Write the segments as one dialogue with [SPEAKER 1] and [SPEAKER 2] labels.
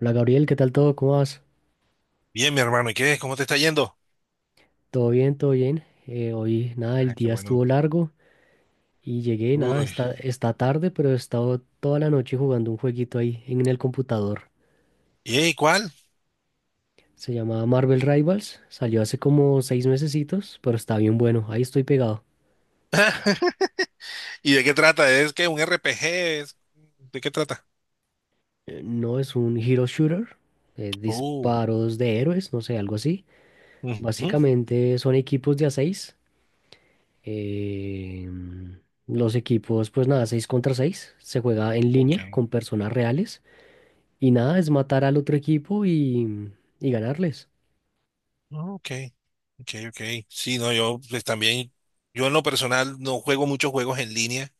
[SPEAKER 1] Hola Gabriel, ¿qué tal todo? ¿Cómo vas?
[SPEAKER 2] Bien, mi hermano, ¿y qué? ¿Cómo te está yendo?
[SPEAKER 1] Todo bien, todo bien. Hoy nada, el
[SPEAKER 2] Ah, qué
[SPEAKER 1] día
[SPEAKER 2] bueno.
[SPEAKER 1] estuvo largo y llegué, nada,
[SPEAKER 2] Uy.
[SPEAKER 1] está tarde, pero he estado toda la noche jugando un jueguito ahí en el computador.
[SPEAKER 2] ¿Y cuál?
[SPEAKER 1] Se llama Marvel Rivals, salió hace como 6 mesecitos, pero está bien bueno, ahí estoy pegado.
[SPEAKER 2] ¿Y de qué trata? ¿Es que un RPG? ¿Es- ¿De qué trata?
[SPEAKER 1] No es un hero shooter,
[SPEAKER 2] Oh.
[SPEAKER 1] disparos de héroes, no sé, algo así.
[SPEAKER 2] Ujú.
[SPEAKER 1] Básicamente son equipos de a 6. Los equipos, pues nada, 6 contra 6. Se juega en
[SPEAKER 2] Ok.
[SPEAKER 1] línea con personas reales. Y nada, es matar al otro equipo y ganarles.
[SPEAKER 2] Ok. Ok, ok. Sí, no, yo pues también, yo en lo personal no juego muchos juegos en línea.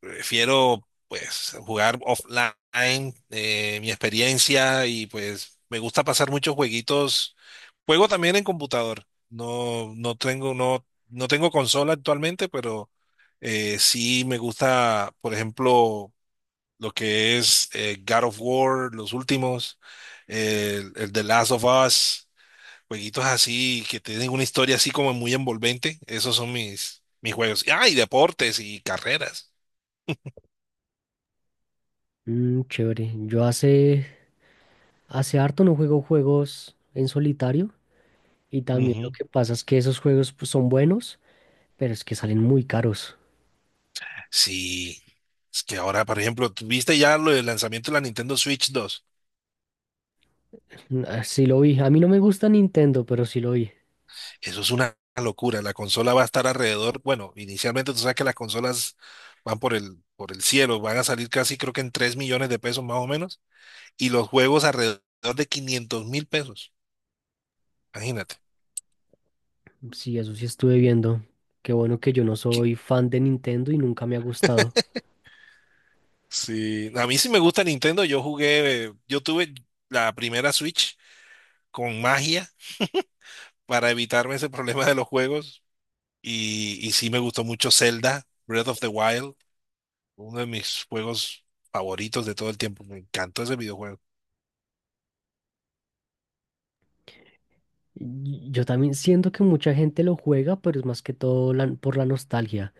[SPEAKER 2] Prefiero pues jugar offline, mi experiencia, y pues me gusta pasar muchos jueguitos. Juego también en computador. No tengo, no tengo consola actualmente, pero sí me gusta, por ejemplo, lo que es God of War, los últimos, el The Last of Us, jueguitos así que tienen una historia así como muy envolvente. Esos son mis juegos. Ah, y deportes y carreras.
[SPEAKER 1] Mm, chévere. Yo hace harto no juego juegos en solitario, y también lo que pasa es que esos juegos, pues, son buenos, pero es que salen muy caros.
[SPEAKER 2] Sí, es que ahora, por ejemplo, ¿tú viste ya lo del lanzamiento de la Nintendo Switch 2?
[SPEAKER 1] Mm, ah, sí lo vi. A mí no me gusta Nintendo, pero sí lo vi.
[SPEAKER 2] Eso es una locura. La consola va a estar alrededor, bueno, inicialmente tú sabes que las consolas van por el cielo, van a salir casi creo que en 3 millones de pesos más o menos, y los juegos alrededor de 500 mil pesos. Imagínate.
[SPEAKER 1] Sí, eso sí estuve viendo. Qué bueno que yo no
[SPEAKER 2] Qui-
[SPEAKER 1] soy fan de Nintendo y nunca me ha gustado.
[SPEAKER 2] Sí, a mí sí me gusta Nintendo. Yo jugué, yo tuve la primera Switch con magia para evitarme ese problema de los juegos, y sí me gustó mucho Zelda, Breath of the Wild. Uno de mis juegos favoritos de todo el tiempo. Me encantó ese videojuego.
[SPEAKER 1] Y yo también siento que mucha gente lo juega, pero es más que todo por la nostalgia.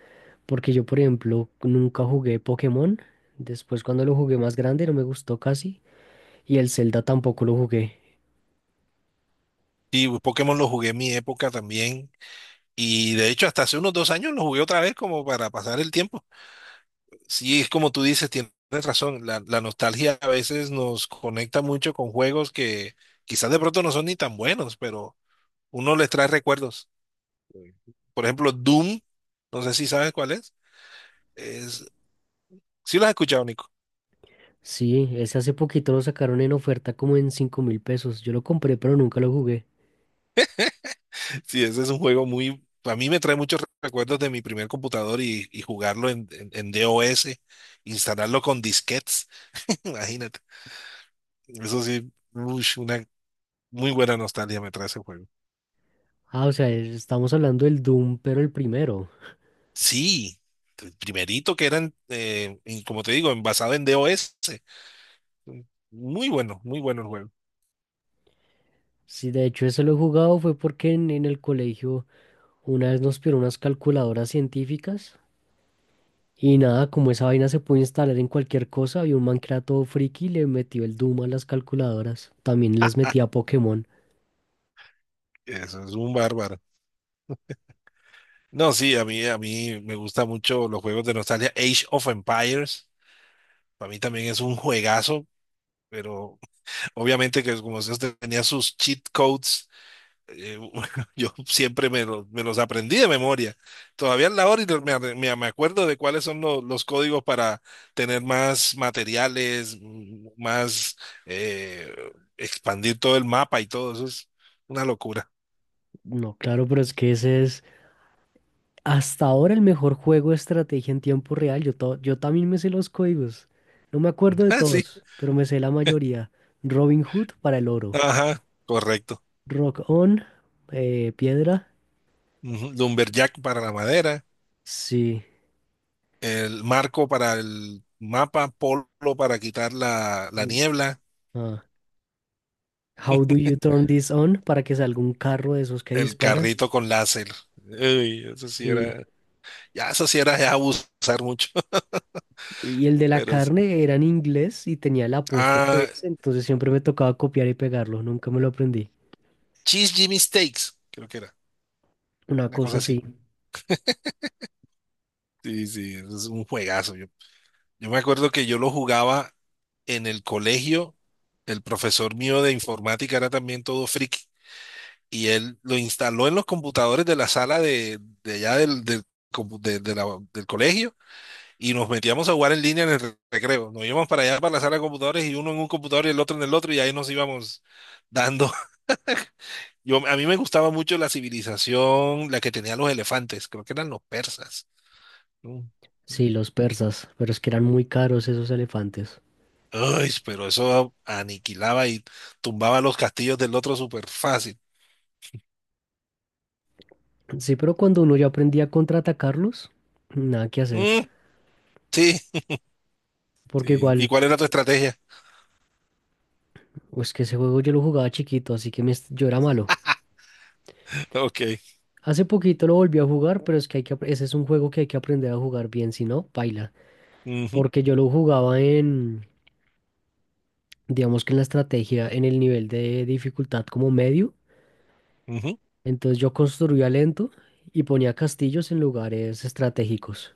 [SPEAKER 1] Porque yo, por ejemplo, nunca jugué Pokémon. Después, cuando lo jugué más grande, no me gustó casi. Y el Zelda tampoco lo jugué.
[SPEAKER 2] Y Pokémon lo jugué en mi época también. Y de hecho, hasta hace unos 2 años lo jugué otra vez como para pasar el tiempo. Sí, es como tú dices, tienes razón. La nostalgia a veces nos conecta mucho con juegos que quizás de pronto no son ni tan buenos, pero uno les trae recuerdos. Por ejemplo, Doom, no sé si sabes cuál es. Es, sí lo has escuchado.
[SPEAKER 1] Sí, ese hace poquito lo sacaron en oferta como en 5.000 pesos. Yo lo compré, pero nunca lo jugué.
[SPEAKER 2] Sí, ese es un juego muy. A mí me trae muchos recuerdos de mi primer computador y jugarlo en DOS, instalarlo con disquetes, imagínate. Eso sí, ush, una muy buena nostalgia me trae ese juego.
[SPEAKER 1] Ah, o sea, estamos hablando del Doom, pero el primero.
[SPEAKER 2] Sí, el primerito que eran, como te digo, basado en DOS. Muy bueno, muy bueno el juego.
[SPEAKER 1] Sí, de hecho, ese lo he jugado fue porque en el colegio una vez nos pidieron unas calculadoras científicas. Y nada, como esa vaina se puede instalar en cualquier cosa, había un man que era todo friki y le metió el Doom a las calculadoras. También les metía Pokémon.
[SPEAKER 2] Eso es un bárbaro. No, sí, a mí me gustan mucho los juegos de nostalgia. Age of Empires, para mí también es un juegazo, pero obviamente que como se hace, tenía sus cheat codes, eh, yo siempre me los aprendí de memoria. Todavía a la hora y me acuerdo de cuáles son los códigos para tener más materiales, más eh, expandir todo el mapa y todo. Eso es una locura.
[SPEAKER 1] No, claro, pero es que ese es hasta ahora el mejor juego de estrategia en tiempo real. Yo también me sé los códigos. No me acuerdo de
[SPEAKER 2] Ah, sí.
[SPEAKER 1] todos, pero me sé la mayoría. Robin Hood para el oro.
[SPEAKER 2] Ajá, correcto.
[SPEAKER 1] Rock on, piedra.
[SPEAKER 2] Ujú. Lumberjack para la madera,
[SPEAKER 1] Sí.
[SPEAKER 2] el marco para el mapa, polo para quitar la
[SPEAKER 1] L-
[SPEAKER 2] niebla.
[SPEAKER 1] ah, How do you turn this on para que salga un carro de esos que
[SPEAKER 2] El
[SPEAKER 1] disparan.
[SPEAKER 2] carrito con láser. Uy, eso sí
[SPEAKER 1] Sí.
[SPEAKER 2] era, ya eso sí era ya abusar mucho,
[SPEAKER 1] Y el de la
[SPEAKER 2] pero sí.
[SPEAKER 1] carne era en inglés y tenía el apóstrofe
[SPEAKER 2] ah,
[SPEAKER 1] ese, entonces siempre me tocaba copiar y pegarlo. Nunca me lo aprendí.
[SPEAKER 2] Cheese Jimmy Steaks, creo que era,
[SPEAKER 1] Una
[SPEAKER 2] una
[SPEAKER 1] cosa
[SPEAKER 2] cosa así.
[SPEAKER 1] así.
[SPEAKER 2] Sí, sí, eso es un juegazo. Yo me acuerdo que yo lo jugaba en el colegio, el profesor mío de informática era también todo friki y él lo instaló en los computadores de la sala de allá del, del compu- de la- del colegio, y nos metíamos a jugar en línea en el recreo. Nos íbamos para allá, para la sala de computadores, y uno en un computador y el otro en el otro, y ahí nos íbamos dando. A mí me gustaba mucho la civilización, la que tenía los elefantes, creo que eran los persas. Mm.
[SPEAKER 1] Sí, los persas, pero es que eran muy caros esos elefantes.
[SPEAKER 2] Ay, pero eso aniquilaba y tumbaba los castillos del otro súper fácil.
[SPEAKER 1] Sí, pero cuando uno ya aprendía a contraatacarlos, nada que hacer.
[SPEAKER 2] Mm, sí,
[SPEAKER 1] Porque
[SPEAKER 2] sí. ¿Y
[SPEAKER 1] igual,
[SPEAKER 2] cuál era tu estrategia?
[SPEAKER 1] pues que ese juego yo lo jugaba chiquito, así que yo era malo.
[SPEAKER 2] Ok.
[SPEAKER 1] Hace poquito lo volví a jugar, pero es que ese es un juego que hay que aprender a jugar bien, si no, paila.
[SPEAKER 2] Ujú,
[SPEAKER 1] Porque yo lo jugaba en, digamos que en la estrategia, en el nivel de dificultad como medio.
[SPEAKER 2] ujú.
[SPEAKER 1] Entonces yo construía lento y ponía castillos en lugares estratégicos,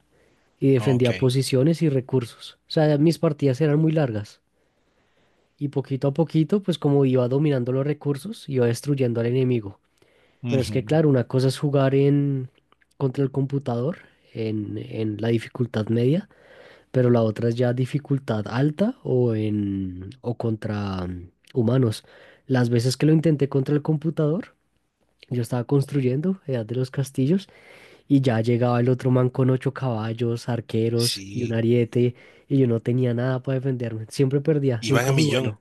[SPEAKER 1] y
[SPEAKER 2] Ok.
[SPEAKER 1] defendía posiciones y recursos. O sea, mis partidas eran muy largas y poquito a poquito, pues como iba dominando los recursos, iba destruyendo al enemigo. Pero es que
[SPEAKER 2] Ujú.
[SPEAKER 1] claro, una cosa es jugar en contra el computador en, la dificultad media, pero la otra es ya dificultad alta o contra, humanos. Las veces que lo intenté contra el computador, yo estaba construyendo Edad de los Castillos y ya llegaba el otro man con ocho caballos, arqueros y un
[SPEAKER 2] Sí,
[SPEAKER 1] ariete, y yo no tenía nada para defenderme. Siempre perdía,
[SPEAKER 2] iban
[SPEAKER 1] nunca
[SPEAKER 2] a
[SPEAKER 1] fui
[SPEAKER 2] millón.
[SPEAKER 1] bueno.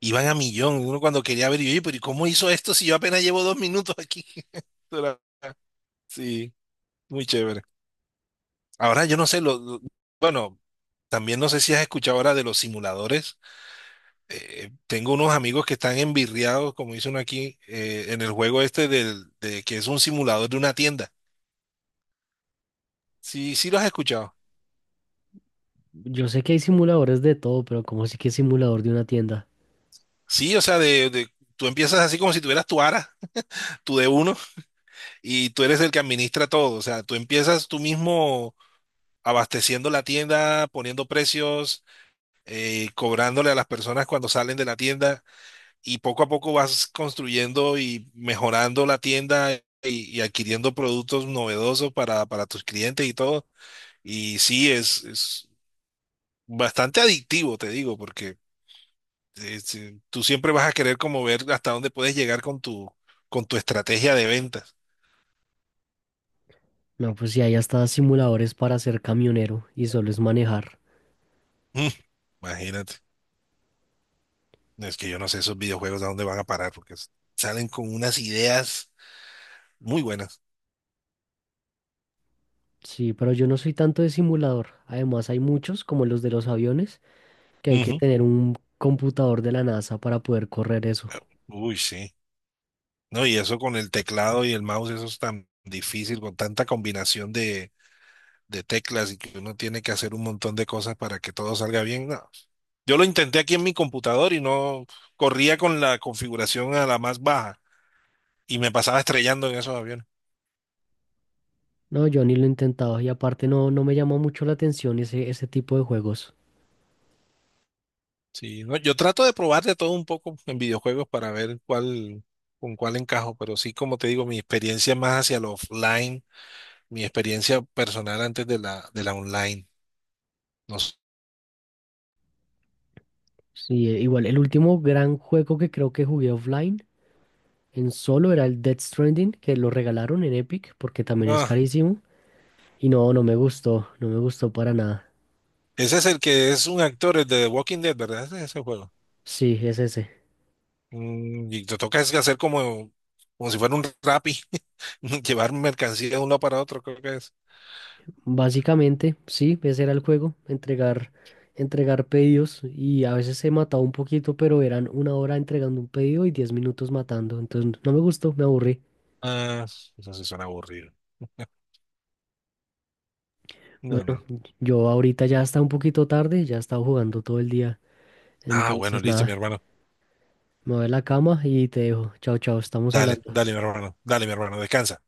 [SPEAKER 2] Iban a millón. Uno cuando quería ver, y yo, "Oye, pero ¿y cómo hizo esto si yo apenas llevo 2 minutos aquí?" Esto era- Sí, muy chévere. Ahora yo no sé, bueno, también no sé si has escuchado ahora de los simuladores. Tengo unos amigos que están envirriados, como dice uno aquí, en el juego este de que es un simulador de una tienda. Sí, sí lo has escuchado.
[SPEAKER 1] Yo sé que hay simuladores de todo, pero ¿cómo así que simulador de una tienda?
[SPEAKER 2] Sí, o sea, tú empiezas así como si tuvieras tu ARA, tu D1, y tú eres el que administra todo. O sea, tú empiezas tú mismo abasteciendo la tienda, poniendo precios, cobrándole a las personas cuando salen de la tienda, y poco a poco vas construyendo y mejorando la tienda y adquiriendo productos novedosos para tus clientes y todo. Y sí, es bastante adictivo, te digo, porque tú siempre vas a querer como ver hasta dónde puedes llegar con tu estrategia de ventas.
[SPEAKER 1] No, pues sí, hay hasta simuladores para ser camionero y solo es manejar.
[SPEAKER 2] Mm, imagínate. Es que yo no sé esos videojuegos a dónde van a parar, porque salen con unas ideas muy buenas.
[SPEAKER 1] Sí, pero yo no soy tanto de simulador. Además, hay muchos, como los de los aviones, que hay que
[SPEAKER 2] Ujú.
[SPEAKER 1] tener un computador de la NASA para poder correr eso.
[SPEAKER 2] Uy, sí. No, y eso con el teclado y el mouse, eso es tan difícil, con tanta combinación de teclas, y que uno tiene que hacer un montón de cosas para que todo salga bien. No. Yo lo intenté aquí en mi computador y no corría con la configuración a la más baja y me pasaba estrellando en esos aviones.
[SPEAKER 1] No, yo ni lo he intentado y aparte no me llama mucho la atención ese tipo de juegos.
[SPEAKER 2] Sí, no, yo trato de probar de todo un poco en videojuegos para ver con cuál encajo, pero sí, como te digo, mi experiencia es más hacia lo offline, mi experiencia personal antes de la online. No,
[SPEAKER 1] Sí, igual, el último gran juego que creo que jugué offline en solo era el Death Stranding, que lo regalaron en Epic porque también es
[SPEAKER 2] no,
[SPEAKER 1] carísimo. Y no, no me gustó, no, me gustó para nada.
[SPEAKER 2] ese es el que es un actor, el de The Walking Dead, ¿verdad? Ese juego.
[SPEAKER 1] Sí, es ese.
[SPEAKER 2] Mm, y te toca es hacer como si fuera un Rappi, llevar mercancía de un lado para otro, creo que es.
[SPEAKER 1] Básicamente, sí, ese era el juego, entregar pedidos y a veces se mataba un poquito, pero eran 1 hora entregando un pedido y 10 minutos matando. Entonces no me gustó, me aburrí.
[SPEAKER 2] Ah, eso sí suena aburrido. No,
[SPEAKER 1] Bueno,
[SPEAKER 2] no.
[SPEAKER 1] yo ahorita ya está un poquito tarde, ya he estado jugando todo el día.
[SPEAKER 2] Ah, bueno,
[SPEAKER 1] Entonces
[SPEAKER 2] listo, mi
[SPEAKER 1] nada,
[SPEAKER 2] hermano.
[SPEAKER 1] mover la cama y te dejo. Chao, chao, estamos
[SPEAKER 2] Dale,
[SPEAKER 1] hablando.
[SPEAKER 2] dale, mi hermano. Dale, mi hermano. Descansa.